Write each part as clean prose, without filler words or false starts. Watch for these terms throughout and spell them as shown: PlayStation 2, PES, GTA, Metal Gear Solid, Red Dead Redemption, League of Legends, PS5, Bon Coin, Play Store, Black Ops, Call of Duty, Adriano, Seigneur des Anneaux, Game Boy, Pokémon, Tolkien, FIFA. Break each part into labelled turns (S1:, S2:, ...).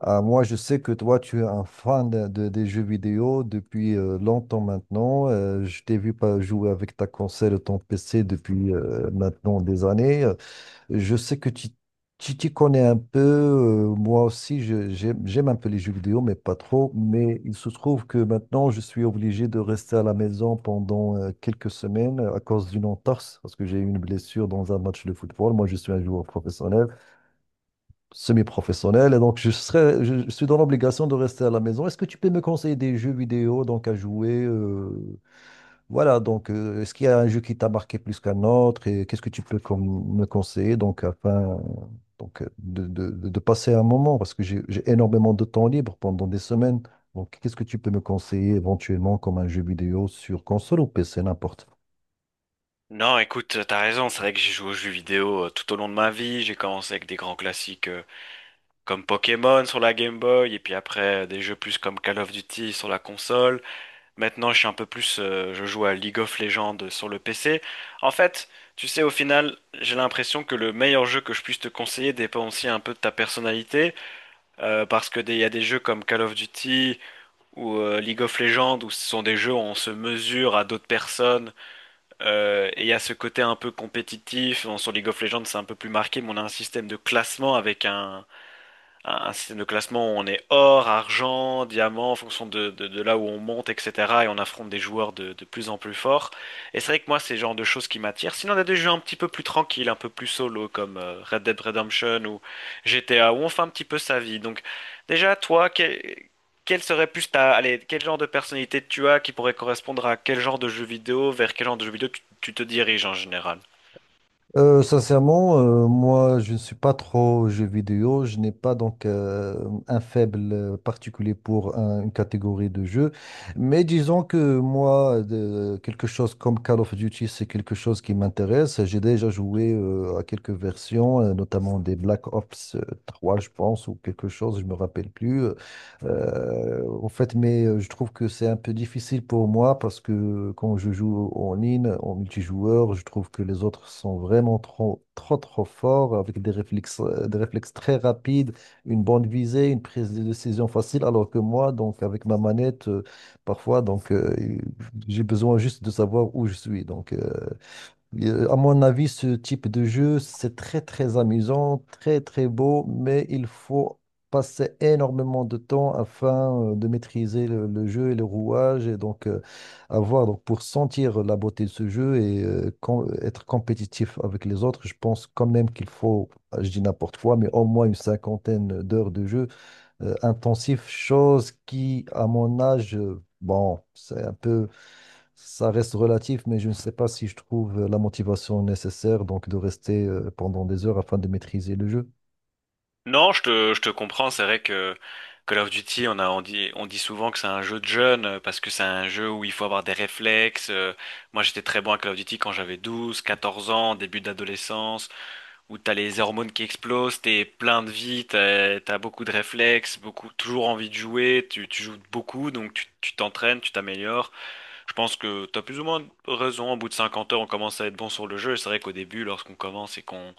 S1: Ah, moi, je sais que toi, tu es un fan des jeux vidéo depuis longtemps maintenant. Je t'ai vu pas jouer avec ta console et ton PC depuis maintenant des années. Je sais que tu t'y connais un peu. Moi aussi, j'aime un peu les jeux vidéo, mais pas trop. Mais il se trouve que maintenant, je suis obligé de rester à la maison pendant quelques semaines à cause d'une entorse, parce que j'ai eu une blessure dans un match de football. Moi, je suis un joueur professionnel, semi-professionnel, et donc je serais, je suis dans l'obligation de rester à la maison. Est-ce que tu peux me conseiller des jeux vidéo donc à jouer, est-ce qu'il y a un jeu qui t'a marqué plus qu'un autre et qu'est-ce que tu peux me conseiller donc afin de passer un moment parce que j'ai énormément de temps libre pendant des semaines. Donc qu'est-ce que tu peux me conseiller éventuellement comme un jeu vidéo sur console ou PC, n'importe.
S2: Non, écoute, t'as raison, c'est vrai que j'ai joué aux jeux vidéo tout au long de ma vie. J'ai commencé avec des grands classiques comme Pokémon sur la Game Boy, et puis après des jeux plus comme Call of Duty sur la console. Maintenant, je suis un peu plus, je joue à League of Legends sur le PC. En fait, tu sais, au final, j'ai l'impression que le meilleur jeu que je puisse te conseiller dépend aussi un peu de ta personnalité, parce que il y a des jeux comme Call of Duty ou League of Legends où ce sont des jeux où on se mesure à d'autres personnes. Et il y a ce côté un peu compétitif. Bon, sur League of Legends, c'est un peu plus marqué, mais on a un système de classement avec un système de classement où on est or, argent, diamant, en fonction de là où on monte, etc. Et on affronte des joueurs de plus en plus forts. Et c'est vrai que moi, c'est le genre de choses qui m'attirent. Sinon, on a des jeux un petit peu plus tranquilles, un peu plus solo, comme Red Dead Redemption ou GTA, où on fait un petit peu sa vie. Donc, déjà, toi, quel serait plus ta, allez, quel genre de personnalité tu as qui pourrait correspondre à quel genre de jeu vidéo, vers quel genre de jeu vidéo tu te diriges en général?
S1: Sincèrement, moi, je ne suis pas trop aux jeux vidéo. Je n'ai pas un faible particulier pour une catégorie de jeux. Mais disons que moi, quelque chose comme Call of Duty, c'est quelque chose qui m'intéresse. J'ai déjà joué à quelques versions, notamment des Black Ops 3, je pense, ou quelque chose, je me rappelle plus. En fait, mais je trouve que c'est un peu difficile pour moi parce que quand je joue en ligne, en multijoueur, je trouve que les autres sont vraiment trop, trop, trop forts avec des réflexes très rapides, une bonne visée, une prise de décision facile, alors que moi, donc avec ma manette, parfois, j'ai besoin juste de savoir où je suis. À mon avis, ce type de jeu, c'est très très amusant, très très beau, mais il faut passer énormément de temps afin de maîtriser le jeu et le rouage et avoir donc pour sentir la beauté de ce jeu et être compétitif avec les autres. Je pense quand même qu'il faut, je dis n'importe quoi, mais au moins une cinquantaine d'heures de jeu intensif, chose qui, à mon âge, bon, c'est un peu, ça reste relatif, mais je ne sais pas si je trouve la motivation nécessaire donc de rester pendant des heures afin de maîtriser le jeu.
S2: Non, je te comprends. C'est vrai que Call of Duty, on dit souvent que c'est un jeu de jeunes parce que c'est un jeu où il faut avoir des réflexes. Moi, j'étais très bon à Call of Duty quand j'avais 12 14 ans, début d'adolescence, où t'as les hormones qui explosent, t'es plein de vie, t'as beaucoup de réflexes, beaucoup, toujours envie de jouer, tu joues beaucoup, donc tu t'entraînes, tu t'améliores. Je pense que t'as plus ou moins raison. Au bout de 50 heures, on commence à être bon sur le jeu. Et c'est vrai qu'au début, lorsqu'on commence et qu'on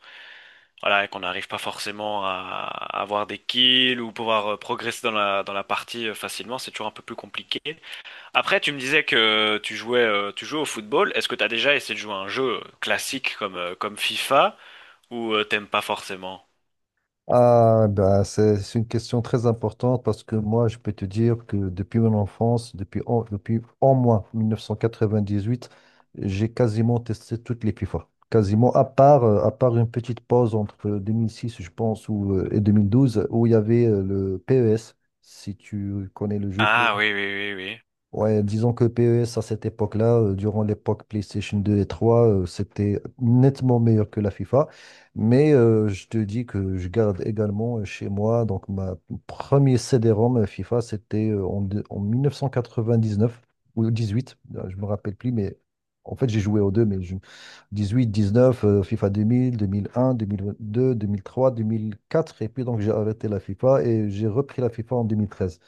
S2: voilà, et qu'on n'arrive pas forcément à avoir des kills ou pouvoir progresser dans dans la partie facilement, c'est toujours un peu plus compliqué. Après, tu me disais que tu jouais au football. Est-ce que tu as déjà essayé de jouer à un jeu classique comme, comme FIFA ou t'aimes pas forcément?
S1: Ah, bah, c'est une question très importante parce que moi, je peux te dire que depuis mon enfance, depuis au moins 1998, j'ai quasiment testé toutes les FIFA. Quasiment, à part une petite pause entre 2006, je pense, ou, et 2012, où il y avait le PES, si tu connais le jeu.
S2: Ah oui, oui, oui, oui.
S1: Ouais, disons que PES à cette époque-là, durant l'époque PlayStation 2 et 3, c'était nettement meilleur que la FIFA. Mais je te dis que je garde également chez moi, donc ma premier CD-ROM FIFA, c'était en 1999 ou 18, je me rappelle plus, mais en fait j'ai joué aux deux, 18, 19, FIFA deux deux deux deux, deux mille, mille mille un, mille trois, deux mille quatre et puis donc j'ai arrêté la FIFA et j'ai repris la FIFA en 2013.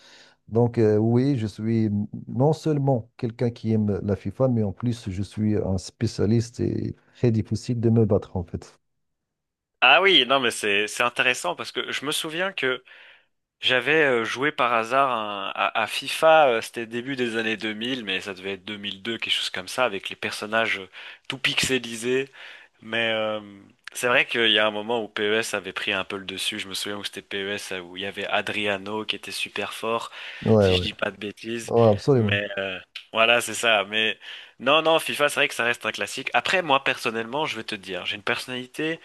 S1: Donc, oui, je suis non seulement quelqu'un qui aime la FIFA, mais en plus, je suis un spécialiste et très difficile de me battre, en fait.
S2: Ah oui, non, mais c'est intéressant parce que je me souviens que j'avais joué par hasard à FIFA, c'était début des années 2000, mais ça devait être 2002, quelque chose comme ça, avec les personnages tout pixelisés. Mais c'est vrai qu'il y a un moment où PES avait pris un peu le dessus. Je me souviens où c'était PES, où il y avait Adriano qui était super fort,
S1: Ouais,
S2: si je
S1: ouais.
S2: dis pas de bêtises.
S1: Ouais, absolument.
S2: Mais voilà, c'est ça. Mais non, non, FIFA, c'est vrai que ça reste un classique. Après, moi, personnellement, je vais te dire, j'ai une personnalité.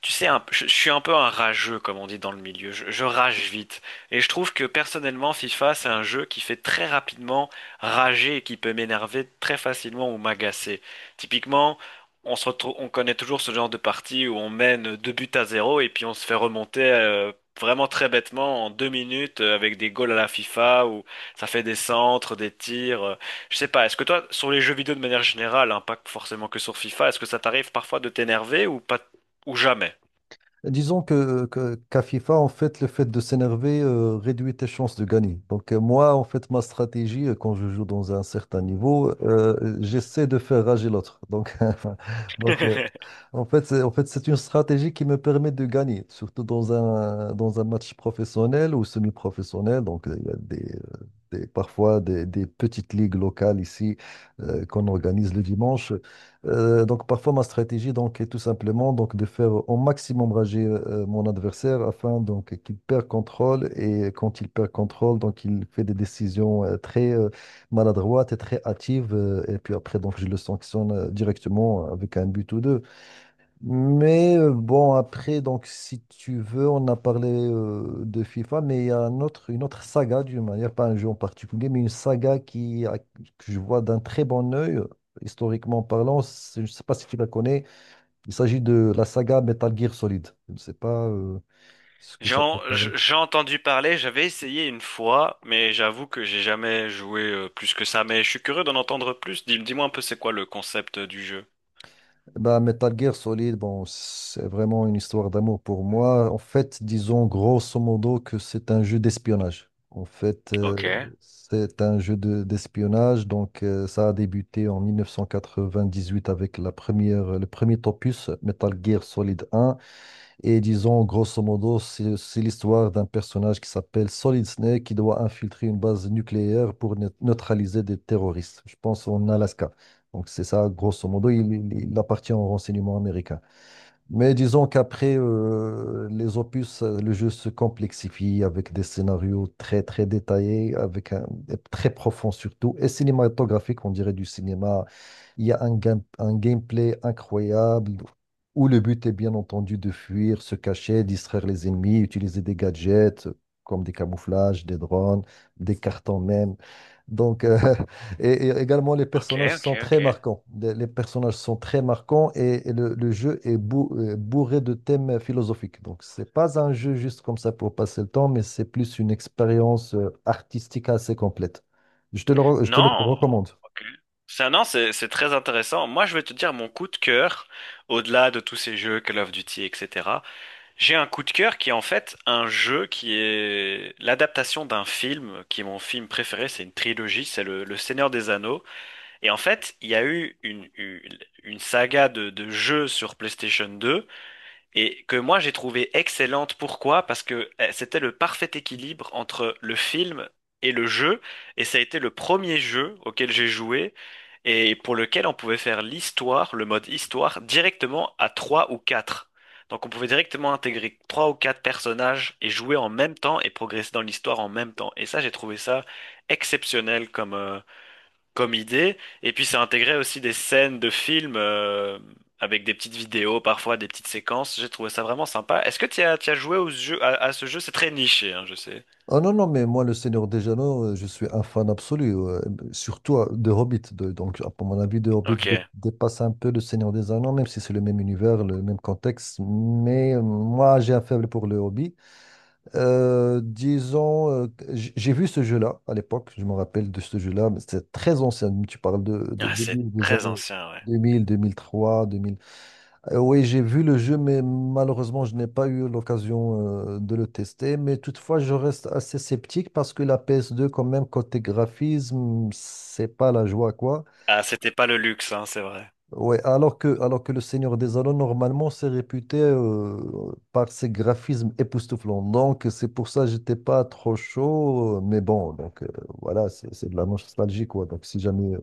S2: Tu sais, je suis un peu un rageux, comme on dit dans le milieu. Je rage vite. Et je trouve que personnellement, FIFA, c'est un jeu qui fait très rapidement rager et qui peut m'énerver très facilement ou m'agacer. Typiquement, on se retrouve, on connaît toujours ce genre de partie où on mène 2 buts à 0 et puis on se fait remonter vraiment très bêtement en 2 minutes avec des goals à la FIFA où ça fait des centres, des tirs. Je sais pas, est-ce que toi, sur les jeux vidéo de manière générale, hein, pas forcément que sur FIFA, est-ce que ça t'arrive parfois de t'énerver ou pas, ou jamais?
S1: Disons que, qu'à FIFA, en fait, le fait de s'énerver réduit tes chances de gagner. Donc, moi, en fait, ma stratégie, quand je joue dans un certain niveau, j'essaie de faire rager l'autre. Donc, donc euh, en fait, c'est, en fait, c'est une stratégie qui me permet de gagner, surtout dans un match professionnel ou semi-professionnel. Donc, il y a parfois des petites ligues locales ici qu'on organise le dimanche. Donc, parfois, ma stratégie donc, est tout simplement donc, de faire au maximum rager mon adversaire afin donc, qu'il perd contrôle. Et quand il perd contrôle, donc, il fait des décisions très maladroites et très hâtives. Et puis après, donc, je le sanctionne directement avec un but ou deux. Mais bon, après, donc, si tu veux, on a parlé de FIFA, mais il y a un autre, une autre saga, d'une manière, pas un jeu en particulier, mais une saga qui, que je vois d'un très bon œil, historiquement parlant. Je ne sais pas si tu la connais. Il s'agit de la saga Metal Gear Solid. Je ne sais pas ce que ça peut.
S2: J'ai entendu parler, j'avais essayé une fois, mais j'avoue que j'ai jamais joué plus que ça. Mais je suis curieux d'en entendre plus. Dis-moi un peu c'est quoi le concept du jeu.
S1: Bah, Metal Gear Solid, bon, c'est vraiment une histoire d'amour pour moi. En fait, disons grosso modo que c'est un jeu d'espionnage. En fait,
S2: Ok,
S1: c'est un d'espionnage. Donc, ça a débuté en 1998 avec la première, le premier opus, Metal Gear Solid 1. Et disons, grosso modo, c'est l'histoire d'un personnage qui s'appelle Solid Snake qui doit infiltrer une base nucléaire pour neutraliser des terroristes, je pense en Alaska. Donc c'est ça, grosso modo, il appartient au renseignement américain. Mais disons qu'après les opus, le jeu se complexifie avec des scénarios très très détaillés, très profond surtout, et cinématographique, on dirait du cinéma. Il y a un gameplay incroyable où le but est bien entendu de fuir, se cacher, distraire les ennemis, utiliser des gadgets comme des camouflages, des drones, des cartons même. Donc, et également, les
S2: ok,
S1: personnages
S2: ok,
S1: sont
S2: ok.
S1: très marquants. Les personnages sont très marquants et, le jeu est bourré de thèmes philosophiques. Donc, c'est pas un jeu juste comme ça pour passer le temps, mais c'est plus une expérience artistique assez complète. Je te le, je te le
S2: Non,
S1: recommande.
S2: ok. Ça, non, c'est très intéressant. Moi, je vais te dire mon coup de cœur, au-delà de tous ces jeux Call of Duty, etc. J'ai un coup de cœur qui est en fait un jeu qui est l'adaptation d'un film, qui est mon film préféré. C'est une trilogie, c'est le Seigneur des Anneaux. Et en fait, il y a eu une saga de jeux sur PlayStation 2 et que moi j'ai trouvé excellente. Pourquoi? Parce que eh, c'était le parfait équilibre entre le film et le jeu et ça a été le premier jeu auquel j'ai joué et pour lequel on pouvait faire l'histoire, le mode histoire, directement à 3 ou 4. Donc on pouvait directement intégrer 3 ou 4 personnages et jouer en même temps et progresser dans l'histoire en même temps. Et ça, j'ai trouvé ça exceptionnel comme idée. Et puis ça intégrait aussi des scènes de films avec des petites vidéos, parfois des petites séquences. J'ai trouvé ça vraiment sympa. Est-ce que tu as joué au jeu, à ce jeu? C'est très niché, hein, je sais.
S1: Ah non, non, mais moi, le Seigneur des Anneaux, je suis un fan absolu, surtout de Hobbit. Donc, à mon avis, de Hobbit
S2: Ok.
S1: dépasse un peu le Seigneur des Anneaux, même si c'est le même univers, le même contexte. Mais moi, j'ai un faible pour le Hobbit. Disons, que j'ai vu ce jeu-là à l'époque, je me rappelle de ce jeu-là, mais c'est très ancien. Tu parles
S2: Ah, c'est
S1: des
S2: très
S1: années
S2: ancien, ouais.
S1: deux mille, années 2000, 2003. Oui, j'ai vu le jeu, mais malheureusement, je n'ai pas eu l'occasion de le tester. Mais toutefois, je reste assez sceptique parce que la PS2, quand même, côté graphisme, c'est pas la joie, quoi.
S2: Ah, c'était pas le luxe, hein, c'est vrai.
S1: Ouais, alors que le Seigneur des Anneaux, normalement, c'est réputé par ses graphismes époustouflants. Donc, c'est pour ça que j'étais pas trop chaud. Mais bon, voilà, c'est de la nostalgie, quoi. Donc, si jamais,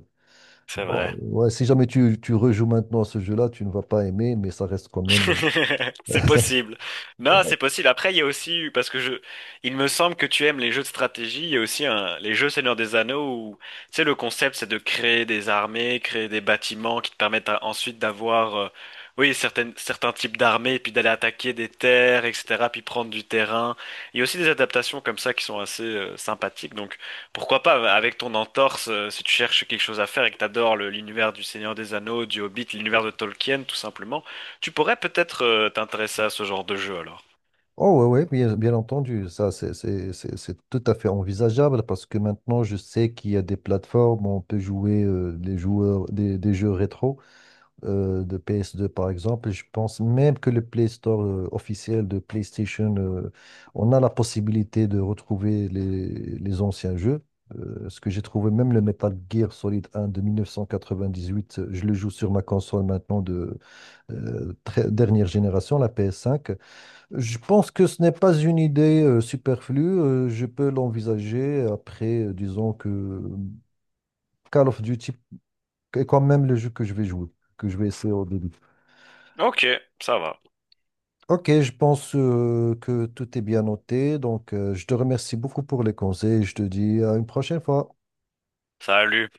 S2: C'est
S1: bon,
S2: vrai.
S1: ouais, si jamais tu, tu rejoues maintenant à ce jeu-là, tu ne vas pas aimer, mais ça reste quand même.
S2: C'est possible. Non,
S1: Bon,
S2: c'est possible. Après, il y a aussi, il me semble que tu aimes les jeux de stratégie, il y a aussi un, les jeux Seigneur des Anneaux où, tu sais, le concept, c'est de créer des armées, créer des bâtiments qui te permettent ensuite d'avoir, oui, certains types d'armées, puis d'aller attaquer des terres, etc., puis prendre du terrain. Il y a aussi des adaptations comme ça qui sont assez, sympathiques. Donc, pourquoi pas, avec ton entorse, si tu cherches quelque chose à faire et que t'adores l'univers du Seigneur des Anneaux, du Hobbit, l'univers de Tolkien, tout simplement. Tu pourrais peut-être t'intéresser à ce genre de jeu alors.
S1: Oh oui, bien, bien entendu, ça c'est tout à fait envisageable parce que maintenant je sais qu'il y a des plateformes où on peut jouer les joueurs, des jeux rétro de PS2 par exemple. Je pense même que le Play Store officiel de PlayStation, on a la possibilité de retrouver les anciens jeux. Ce que j'ai trouvé, même le Metal Gear Solid 1 de 1998, je le joue sur ma console maintenant de dernière génération, la PS5. Je pense que ce n'est pas une idée superflue. Je peux l'envisager après, disons que Call of Duty est quand même le jeu que je vais jouer, que je vais essayer au début.
S2: Ok, ça va.
S1: Ok, je pense que tout est bien noté. Donc, je te remercie beaucoup pour les conseils. Je te dis à une prochaine fois.
S2: Salut.